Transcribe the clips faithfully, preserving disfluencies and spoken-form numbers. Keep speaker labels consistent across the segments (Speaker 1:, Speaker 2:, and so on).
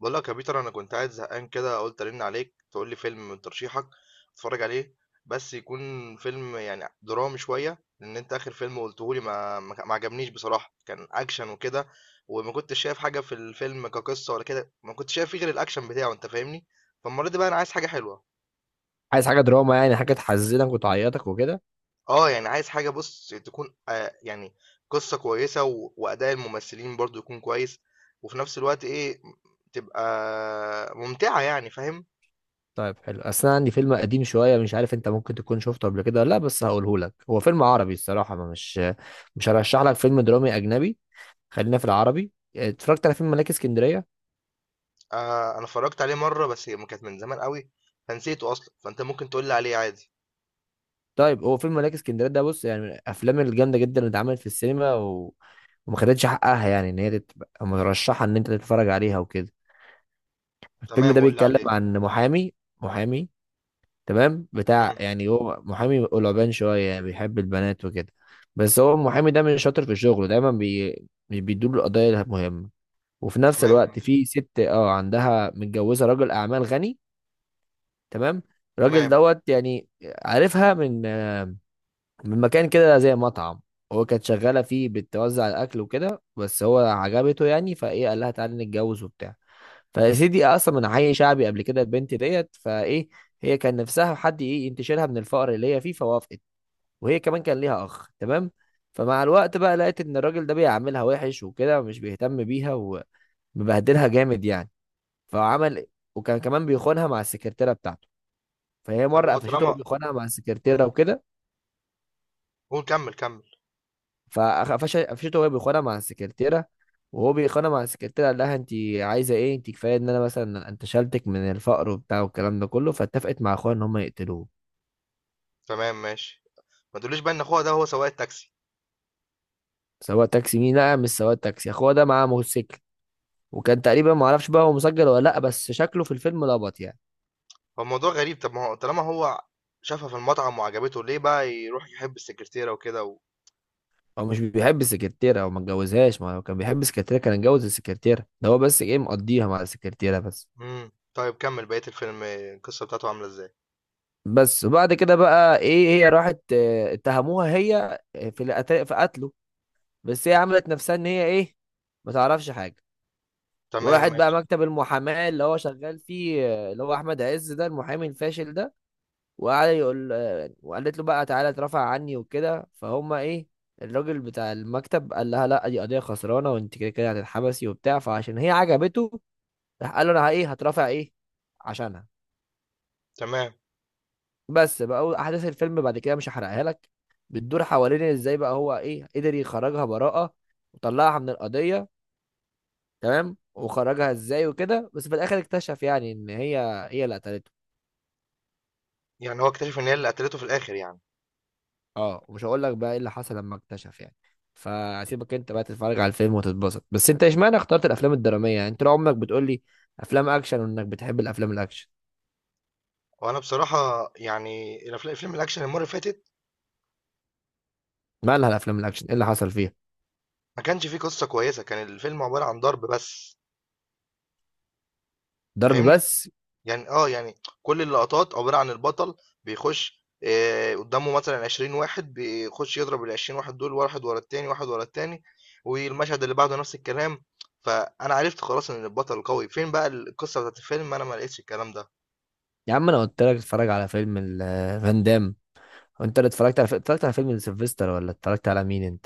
Speaker 1: بقول لك يا بيتر، انا كنت قاعد زهقان كده، قلت ارن عليك تقول لي فيلم من ترشيحك اتفرج عليه. بس يكون فيلم يعني درامي شويه، لان انت اخر فيلم قلته لي ما ما ما عجبنيش بصراحه. كان اكشن وكده، وما كنتش شايف حاجه في الفيلم كقصه ولا كده، ما كنتش شايف فيه غير الاكشن بتاعه. انت فاهمني؟ فالمره دي بقى انا عايز حاجه حلوه.
Speaker 2: عايز حاجة دراما؟ يعني حاجة تحزنك وتعيطك وكده؟
Speaker 1: اه يعني عايز حاجه، بص تكون آه يعني قصه كويسه و... واداء الممثلين برضو يكون كويس، وفي نفس الوقت ايه، تبقى ممتعه يعني، فاهم؟
Speaker 2: طيب، حلو. اصل انا عندي فيلم قديم شوية، مش عارف انت ممكن تكون شفته قبل كده ولا لا، بس هقوله لك. هو فيلم عربي الصراحة، ما مش مش هرشح لك فيلم درامي اجنبي. خلينا في العربي. اتفرجت على فيلم ملاك اسكندرية؟
Speaker 1: آه، انا اتفرجت عليه مره، بس هي كانت من زمان قوي فنسيته اصلا، فانت ممكن تقول لي عليه عادي.
Speaker 2: طيب، هو فيلم ملاك اسكندرية ده، بص، يعني من الافلام الجامدة جدا اللي اتعملت في السينما، و... وما خدتش حقها، يعني ان هي تبقى مرشحة ان انت تتفرج عليها وكده. الفيلم
Speaker 1: تمام،
Speaker 2: ده
Speaker 1: قول لي
Speaker 2: بيتكلم
Speaker 1: عليه.
Speaker 2: عن محامي. محامي تمام، بتاع،
Speaker 1: مم.
Speaker 2: يعني هو محامي قلبان شوية، بيحب البنات وكده. بس هو المحامي ده مش شاطر في شغله، دايما بي... مش بيدور القضايا المهمة. وفي نفس
Speaker 1: تمام
Speaker 2: الوقت
Speaker 1: ماشي.
Speaker 2: في ست، اه، عندها، متجوزة راجل أعمال غني. تمام. الراجل
Speaker 1: تمام.
Speaker 2: دوت يعني. عارفها من آه، من مكان كده زي مطعم. هو كانت شغالة فيه بتوزع الأكل وكده، بس هو عجبته يعني، فإيه، قال لها تعالي نتجوز وبتاع. فيا سيدي، اصلا من حي شعبي قبل كده البنت ديت، فايه، هي كان نفسها حد ايه ينتشلها من الفقر اللي هي فيه، فوافقت. وهي كمان كان ليها اخ، تمام. فمع الوقت بقى لقيت ان الراجل ده بيعاملها وحش وكده، ومش بيهتم بيها، ومبهدلها جامد يعني. فعمل، وكان كمان بيخونها مع السكرتيره بتاعته. فهي
Speaker 1: طب
Speaker 2: مره
Speaker 1: هو
Speaker 2: قفشته
Speaker 1: طالما...
Speaker 2: وبيخونها مع
Speaker 1: مم.
Speaker 2: السكرتيره وكده.
Speaker 1: قول، كمل كمل.
Speaker 2: فقفشته وهي بيخانق مع السكرتيره. وهو بيخانق مع السكرتيره قال لها انت عايزه ايه، انت كفايه ان انا مثلا انتشلتك من الفقر وبتاع والكلام ده كله. فاتفقت مع اخوها ان هم يقتلوه.
Speaker 1: تمام ماشي. ما تقوليش بقى ان اخوها ده هو سواق التاكسي.
Speaker 2: سواق تاكسي مين؟ لا، مش سواق تاكسي. اخوها ده معاه موتوسيكل. وكان تقريبا، ما اعرفش بقى هو مسجل ولا لا، بس شكله في الفيلم لبط يعني.
Speaker 1: هو الموضوع غريب، طب ما هو طالما هو شافها في المطعم وعجبته، ليه بقى يروح يحب السكرتيره وكده و...
Speaker 2: هو مش بيحب السكرتيره، هو ما اتجوزهاش. ما هو كان بيحب السكرتيره كان اتجوز السكرتيره ده. هو بس ايه، مقضيها مع السكرتيره بس.
Speaker 1: مم. طيب كمل بقيه الفيلم، القصه بتاعته عامله ازاي؟
Speaker 2: بس وبعد كده بقى ايه، هي راحت، اه، اتهموها هي في القت- في قتله بس هي عملت نفسها ان هي ايه، ما تعرفش حاجه.
Speaker 1: تمام
Speaker 2: وراحت بقى
Speaker 1: ماشي.
Speaker 2: مكتب المحاماه اللي هو شغال فيه، آه، اللي هو احمد عز ده، المحامي الفاشل ده. وقعد يقول، آه، وقالت له بقى تعالى اترفع عني وكده، فهم ايه، الراجل بتاع المكتب قال لها لا، دي قضيه خسرانه وانت كده كده هتتحبسي وبتاع. فعشان هي عجبته راح قال له انا ايه، هترفع ايه عشانها.
Speaker 1: تمام،
Speaker 2: بس بقى احداث الفيلم بعد كده مش هحرقها لك. بتدور حوالين ازاي بقى هو ايه قدر يخرجها براءه، وطلعها من القضيه. تمام. وخرجها ازاي وكده، بس في الاخر اكتشف يعني ان هي، هي اللي قتلته.
Speaker 1: يعني هو اكتشف ان هي اللي قتلته في الاخر يعني.
Speaker 2: اه، ومش هقول لك بقى ايه اللي حصل لما اكتشف يعني. فسيبك انت بقى تتفرج على الفيلم وتتبسط. بس انت اشمعنى اخترت الافلام الدراميه يعني؟ انت لو عمرك بتقول لي افلام اكشن وانك بتحب الافلام الاكشن.
Speaker 1: وانا بصراحه يعني الأفلام- الفيلم الاكشن المره اللي فاتت
Speaker 2: مالها الافلام الاكشن؟ ايه اللي حصل فيها؟
Speaker 1: ما كانش فيه قصة كويسة، كان الفيلم عبارة عن ضرب بس،
Speaker 2: ضرب
Speaker 1: فاهمني؟
Speaker 2: بس؟
Speaker 1: يعني اه يعني كل اللقطات عبارة عن البطل، بيخش آه، قدامه مثلا عشرين واحد، بيخش يضرب ال عشرين واحد دول، واحد ورا التاني واحد ورا التاني، والمشهد اللي بعده نفس الكلام. فانا عرفت خلاص ان البطل قوي، فين بقى القصة بتاعت الفيلم؟ انا ما لقيتش الكلام ده.
Speaker 2: يا عم، انا قلت لك اتفرج على فيلم ال- فان دام. انت اللي اتفرجت على اتفرجت على فيلم سيلفستر، ولا اتفرجت على مين انت؟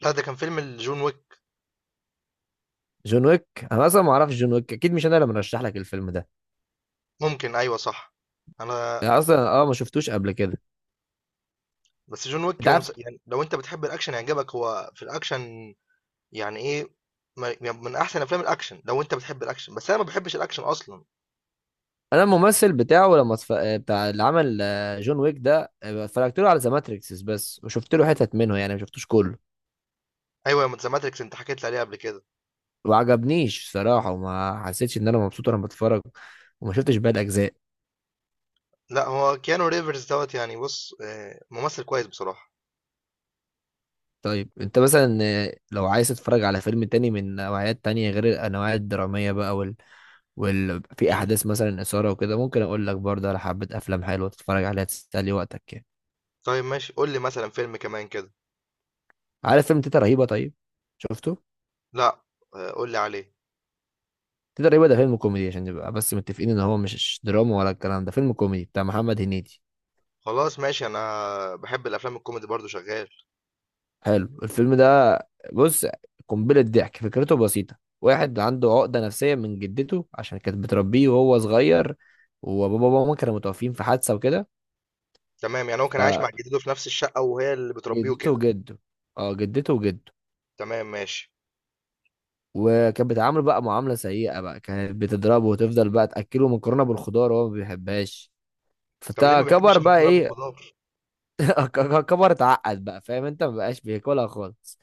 Speaker 1: لا، ده كان فيلم جون ويك.
Speaker 2: جون ويك؟ انا اصلا ما اعرفش جون ويك، اكيد مش انا اللي مرشح لك الفيلم ده.
Speaker 1: ممكن، ايوه صح. انا...
Speaker 2: انا اصلا، اه، ما شفتوش قبل كده.
Speaker 1: بس جون ويك
Speaker 2: انت
Speaker 1: هو
Speaker 2: عارف،
Speaker 1: مس- يعني لو انت بتحب الاكشن هيعجبك، هو في الاكشن يعني إيه، ما يعني من أحسن أفلام الأكشن لو أنت بتحب الأكشن، بس أنا ما باحبش الأكشن أصلًا.
Speaker 2: انا الممثل بتاعه لما اتف... آه، بتاع، اللي عمل، آه، جون ويك ده، آه، اتفرجت له على ذا ماتريكس بس، وشفت له حتت منه يعني، ما شفتوش كله.
Speaker 1: أيوه، ما The Matrix أنت حكيت لي عليه قبل كده.
Speaker 2: وعجبنيش صراحة، وما حسيتش ان انا مبسوط وانا بتفرج، وما شفتش باقي الاجزاء.
Speaker 1: لأ هو Keanu Reeves دوّة، يعني بُص آآ ممثل كويس بصراحة.
Speaker 2: طيب انت مثلا، آه، لو عايز تتفرج على فيلم تاني من نوعيات تانية غير النوعيات الدرامية بقى، وال... وال... في احداث مثلا اثارة وكده، ممكن اقول لك برضه على حبة افلام حلوة تتفرج عليها تسلي وقتك يعني.
Speaker 1: طيب ماشي، قُل لي مثلًا فيلم كمان كده.
Speaker 2: عارف فيلم تيتا رهيبة؟ طيب، شفته؟
Speaker 1: لأ. آآ قُل لي عليه.
Speaker 2: تقدر يبقى ده فيلم كوميدي، عشان نبقى بس متفقين ان هو مش دراما ولا الكلام ده. فيلم كوميدي بتاع محمد هنيدي.
Speaker 1: خلاص ماشي، أنا باحب الأفلام الكوميدي برضه شغال.
Speaker 2: حلو الفيلم ده. بص، قنبلة ضحك. فكرته بسيطة، واحد عنده عقدة نفسية من جدته عشان كانت بتربيه وهو صغير، وبابا وماما كانوا متوفين في حادثة وكده.
Speaker 1: تمام، يعني هو كان عايش مع جدته في نفس الشقة وهي اللي بتربيه
Speaker 2: فجدته
Speaker 1: وكده.
Speaker 2: وجده، اه، جدته وجده.
Speaker 1: تمام ماشي.
Speaker 2: وكانت بتعامله بقى معاملة سيئة، بقى كانت بتضربه، وتفضل بقى تأكله مكرونة بالخضار، وهو ما بيحبهاش.
Speaker 1: طب ليه ما
Speaker 2: فكبر
Speaker 1: بيحبش
Speaker 2: بقى
Speaker 1: المكرونة
Speaker 2: ايه،
Speaker 1: بالخضار؟
Speaker 2: كبر اتعقد بقى، فاهم انت، ما بقاش بياكلها خالص.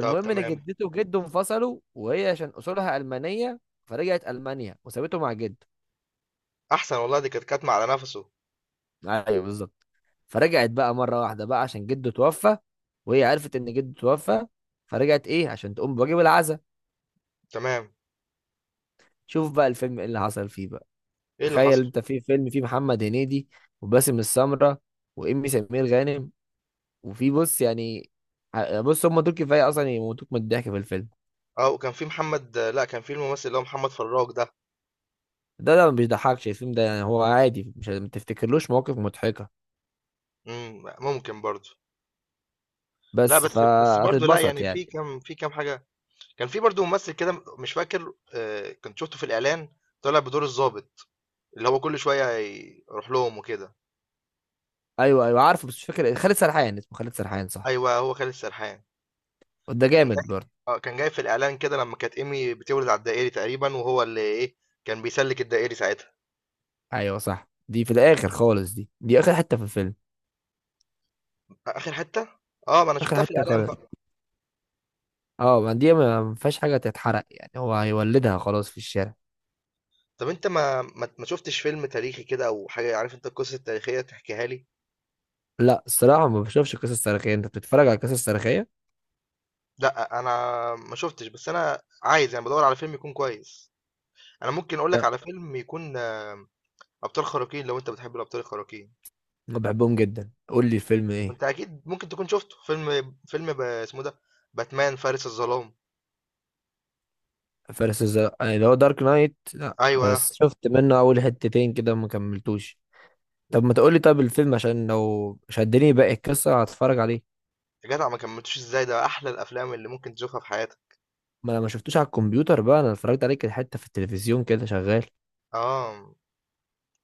Speaker 1: طب
Speaker 2: ان
Speaker 1: تمام.
Speaker 2: جدته وجده انفصلوا، وهي عشان اصولها المانيه، فرجعت المانيا وسابته مع جده.
Speaker 1: أحسن والله، دي كانت كاتمة على نَفَسه.
Speaker 2: ايوه بالظبط. فرجعت بقى مره واحده بقى عشان جده توفى، وهي عرفت ان جده توفى، فرجعت ايه عشان تقوم بواجب العزاء.
Speaker 1: تمام.
Speaker 2: شوف بقى الفيلم ايه اللي حصل فيه بقى.
Speaker 1: إيه اللي
Speaker 2: تخيل
Speaker 1: حصل؟
Speaker 2: انت في فيلم فيه محمد هنيدي، وباسم السمره، وامي سمير غانم. وفي بص يعني، ع- بص هم دول كفايه اصلا يموتوك من الضحك في الفيلم.
Speaker 1: آه، وكان في محمد... لأ، كان في الممثل اللي هو محمد فراج ده.
Speaker 2: ده ده ما بيضحكش الفيلم ده، يعني هو عادي، مش ما تفتكرلوش مواقف مضحكه
Speaker 1: إمم، ممكن برضه. لأ،
Speaker 2: بس
Speaker 1: بس بس برضه لأ،
Speaker 2: فهتتبسط
Speaker 1: يعني
Speaker 2: يعني.
Speaker 1: في كام في كام حاجة. كان في برضه ممثل كده، م مش فاكر، آآ، كنت شُفته في الإعلان طالع بدور الضابط، اللي هو كل شوية يروح لهم وكده.
Speaker 2: ايوه ايوه عارفه، بس مش فاكر إيه. خالد سرحان، اسمه خالد سرحان صح؟
Speaker 1: أيوه، هو خالد سرحان.
Speaker 2: ده
Speaker 1: كان
Speaker 2: جامد برضه.
Speaker 1: جاي آه، كان جاي في الإعلان كده لمّا كانت إيمي بتولد على الدائري تقريبًا، وهو اللي إيه، كان بيسلِّك الدائري ساعتها.
Speaker 2: ايوه صح، دي في الاخر خالص، دي دي اخر حته في الفيلم.
Speaker 1: أ آخر حتّة؟ آه، ما أنا
Speaker 2: اخر
Speaker 1: شُفتها في
Speaker 2: حته
Speaker 1: الإعلان
Speaker 2: خالص.
Speaker 1: بقى.
Speaker 2: اه، ما دي ما ما فيهاش حاجه تتحرق يعني، هو هيولدها خلاص في الشارع.
Speaker 1: طَب أنت ما ما ما شُفتش فيلم تاريخي كده أو حاجة؟ عارف أنت القصص التاريخية تحكيها لي؟
Speaker 2: لا، الصراحه ما بشوفش قصص تاريخيه. انت بتتفرج على قصص تاريخيه؟
Speaker 1: لأ، أنا ما شُفتش، بس أنا عايز يعني بادوّر على فيلم يكون كويس. أنا ممكن أقول لك
Speaker 2: لا،
Speaker 1: على فيلم يكون آه، أبطال خارقين لو أنت بتحب الأبطال الخارقين،
Speaker 2: ما بحبهم جدا، قول لي الفيلم ايه.
Speaker 1: وأنت أكيد ممكن تكون شُفته، فيلم فيلم ب اسمه ده، باتمان فارس الظلام.
Speaker 2: فارس الزرق يعني اللي هو دارك نايت؟ لا،
Speaker 1: أيوه،
Speaker 2: بس شفت منه اول حتتين كده ما كملتوش. طب ما تقولي، طب الفيلم، عشان لو شدني باقي القصه هتفرج عليه.
Speaker 1: يا جدع ما كمّلتوش إزاي؟ ده أحلى الأفلام اللي ممكن تشوفها في حياتك.
Speaker 2: ما انا ما شفتوش على الكمبيوتر بقى، انا اتفرجت عليك حته في التلفزيون كده شغال.
Speaker 1: آه،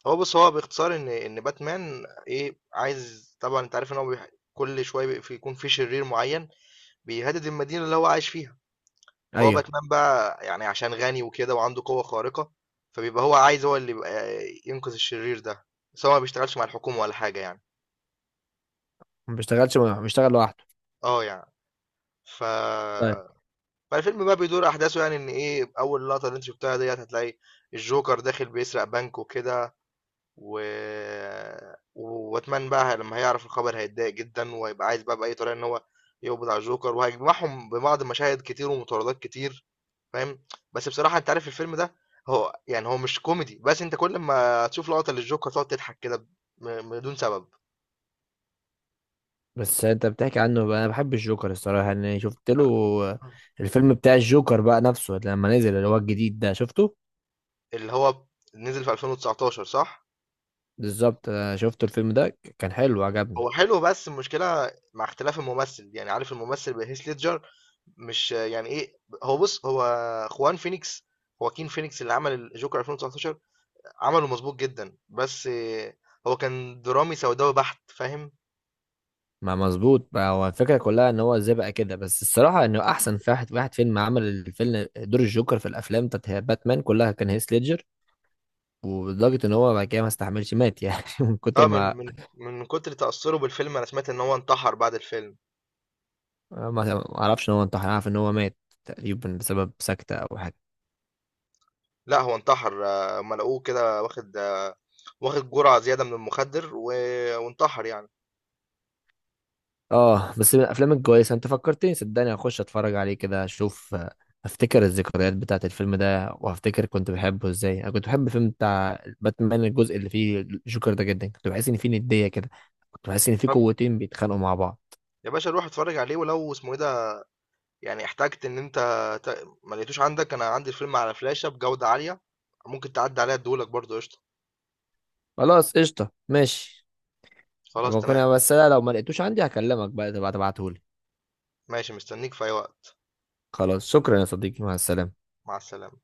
Speaker 1: هو بُص، هو باختصار إن إن باتمان إيه، عايز طبعًا أنت عارف إن هو بيح كل شوية بي في يكون في شرير معيّن بيهدد المدينة اللي هو عايش فيها. فهو
Speaker 2: ايوه،
Speaker 1: باتمان بقى يعني عشان غني وكده وعنده قوة خارقة، فبيبقى هو عايز، هو اللي يبقى ينقذ الشرير ده. بس هو ما بيشتغلش مع الحكومة ولا حاجة يعني.
Speaker 2: ما بيشتغلش، ما بيشتغل لوحده.
Speaker 1: اه يعني ف
Speaker 2: طيب.
Speaker 1: فالفيلم بقى بيدور احداثه، يعني ان ايه اول لقطة اللي انت شفتها ديت هتلاقي الجوكر داخل بيسرق بنك وكده، و وباتمان بقى لما هيعرف الخبر هيتضايق جدا، وهيبقى عايز بقى بأي طريقة ان هو يقبض على الجوكر، وهيجمعهم ببعض مشاهد كتير ومطاردات كتير، فاهم؟ بس بصراحة أنت عارف الفيلم ده هو يعني هو مش كوميدي، بس أنت كل ما تشوف لقطة للجوكر تقعد تضحك كده ب م بدون سبب.
Speaker 2: بس انت بتحكي عنه بقى، انا بحب الجوكر الصراحه، انا شفت
Speaker 1: أنا
Speaker 2: له الفيلم بتاع الجوكر بقى نفسه لما نزل، اللي هو الجديد ده شفته.
Speaker 1: اللي هو نزل في ألفين وتسعتاشر صح؟
Speaker 2: بالظبط، أنا شفت الفيلم ده ك- كان حلو عجبني.
Speaker 1: هو حلو، بس المشكلة مع اختلاف الممثل، يعني عارف الممثل بهيث ليدجر مش يعني إيه، هو بُص هو خوان فينيكس، خواكين فينيكس اللي عمل الجوكر ألفين وتسعتاشر عمله مضبوط جدًا، بس هو كان درامي سوداوي بحت، فاهم؟
Speaker 2: ما مظبوط بقى، هو الفكره كلها ان هو ازاي بقى كده، بس الصراحه انه احسن واحد واحد فيلم عمل الفيلم دور الجوكر في الافلام بتاعت باتمان كلها كان هيث ليدجر. ولدرجه ان هو بعد كده ما استحملش مات يعني من كتر
Speaker 1: آه، من
Speaker 2: ما،
Speaker 1: من من كتر تأثّره بالفيلم أنا سمعت إن هو انتحر بعد الفيلم.
Speaker 2: ما ما اعرفش ان هو انتحر، عارف ان هو مات تقريبا بسبب سكتة او حاجة.
Speaker 1: لأ هو انتحر، هُم لقوه كده واخد آه، واخد جرعة زيادة من المخدر و وانتحر يعني.
Speaker 2: اه، بس من الافلام الكويسة، انت فكرتني، صدقني هخش اتفرج عليه كده اشوف، آه، هفتكر الذكريات بتاعت الفيلم ده، وهفتكر كنت بحبه ازاي. انا كنت بحب الفيلم بتاع باتمان الجزء اللي فيه جوكر ده جدا، كنت بحس ان فيه ندية كده، كنت بحس ان فيه
Speaker 1: طب
Speaker 2: قوتين بيتخانقوا مع بعض.
Speaker 1: يا باشا روح اتفرّج عليه. ولو اسمه إيه ده، يعني احتجت إن أنت ت ما لقيتوش عندك، أنا عندي الفيلم على فلاشة بجودة عالية، ممكن تعدّي عليّا ادّيه لك برضه قشطة.
Speaker 2: خلاص قشطة ماشي.
Speaker 1: خلاص
Speaker 2: ممكن
Speaker 1: تمام.
Speaker 2: بس أنا لو ما لقيتوش عندي هكلمك بقى تبقى تبعتهولي.
Speaker 1: ماشي، مستنيك في أي وقت.
Speaker 2: خلاص شكرا يا صديقي، مع السلامة.
Speaker 1: مع السلامة.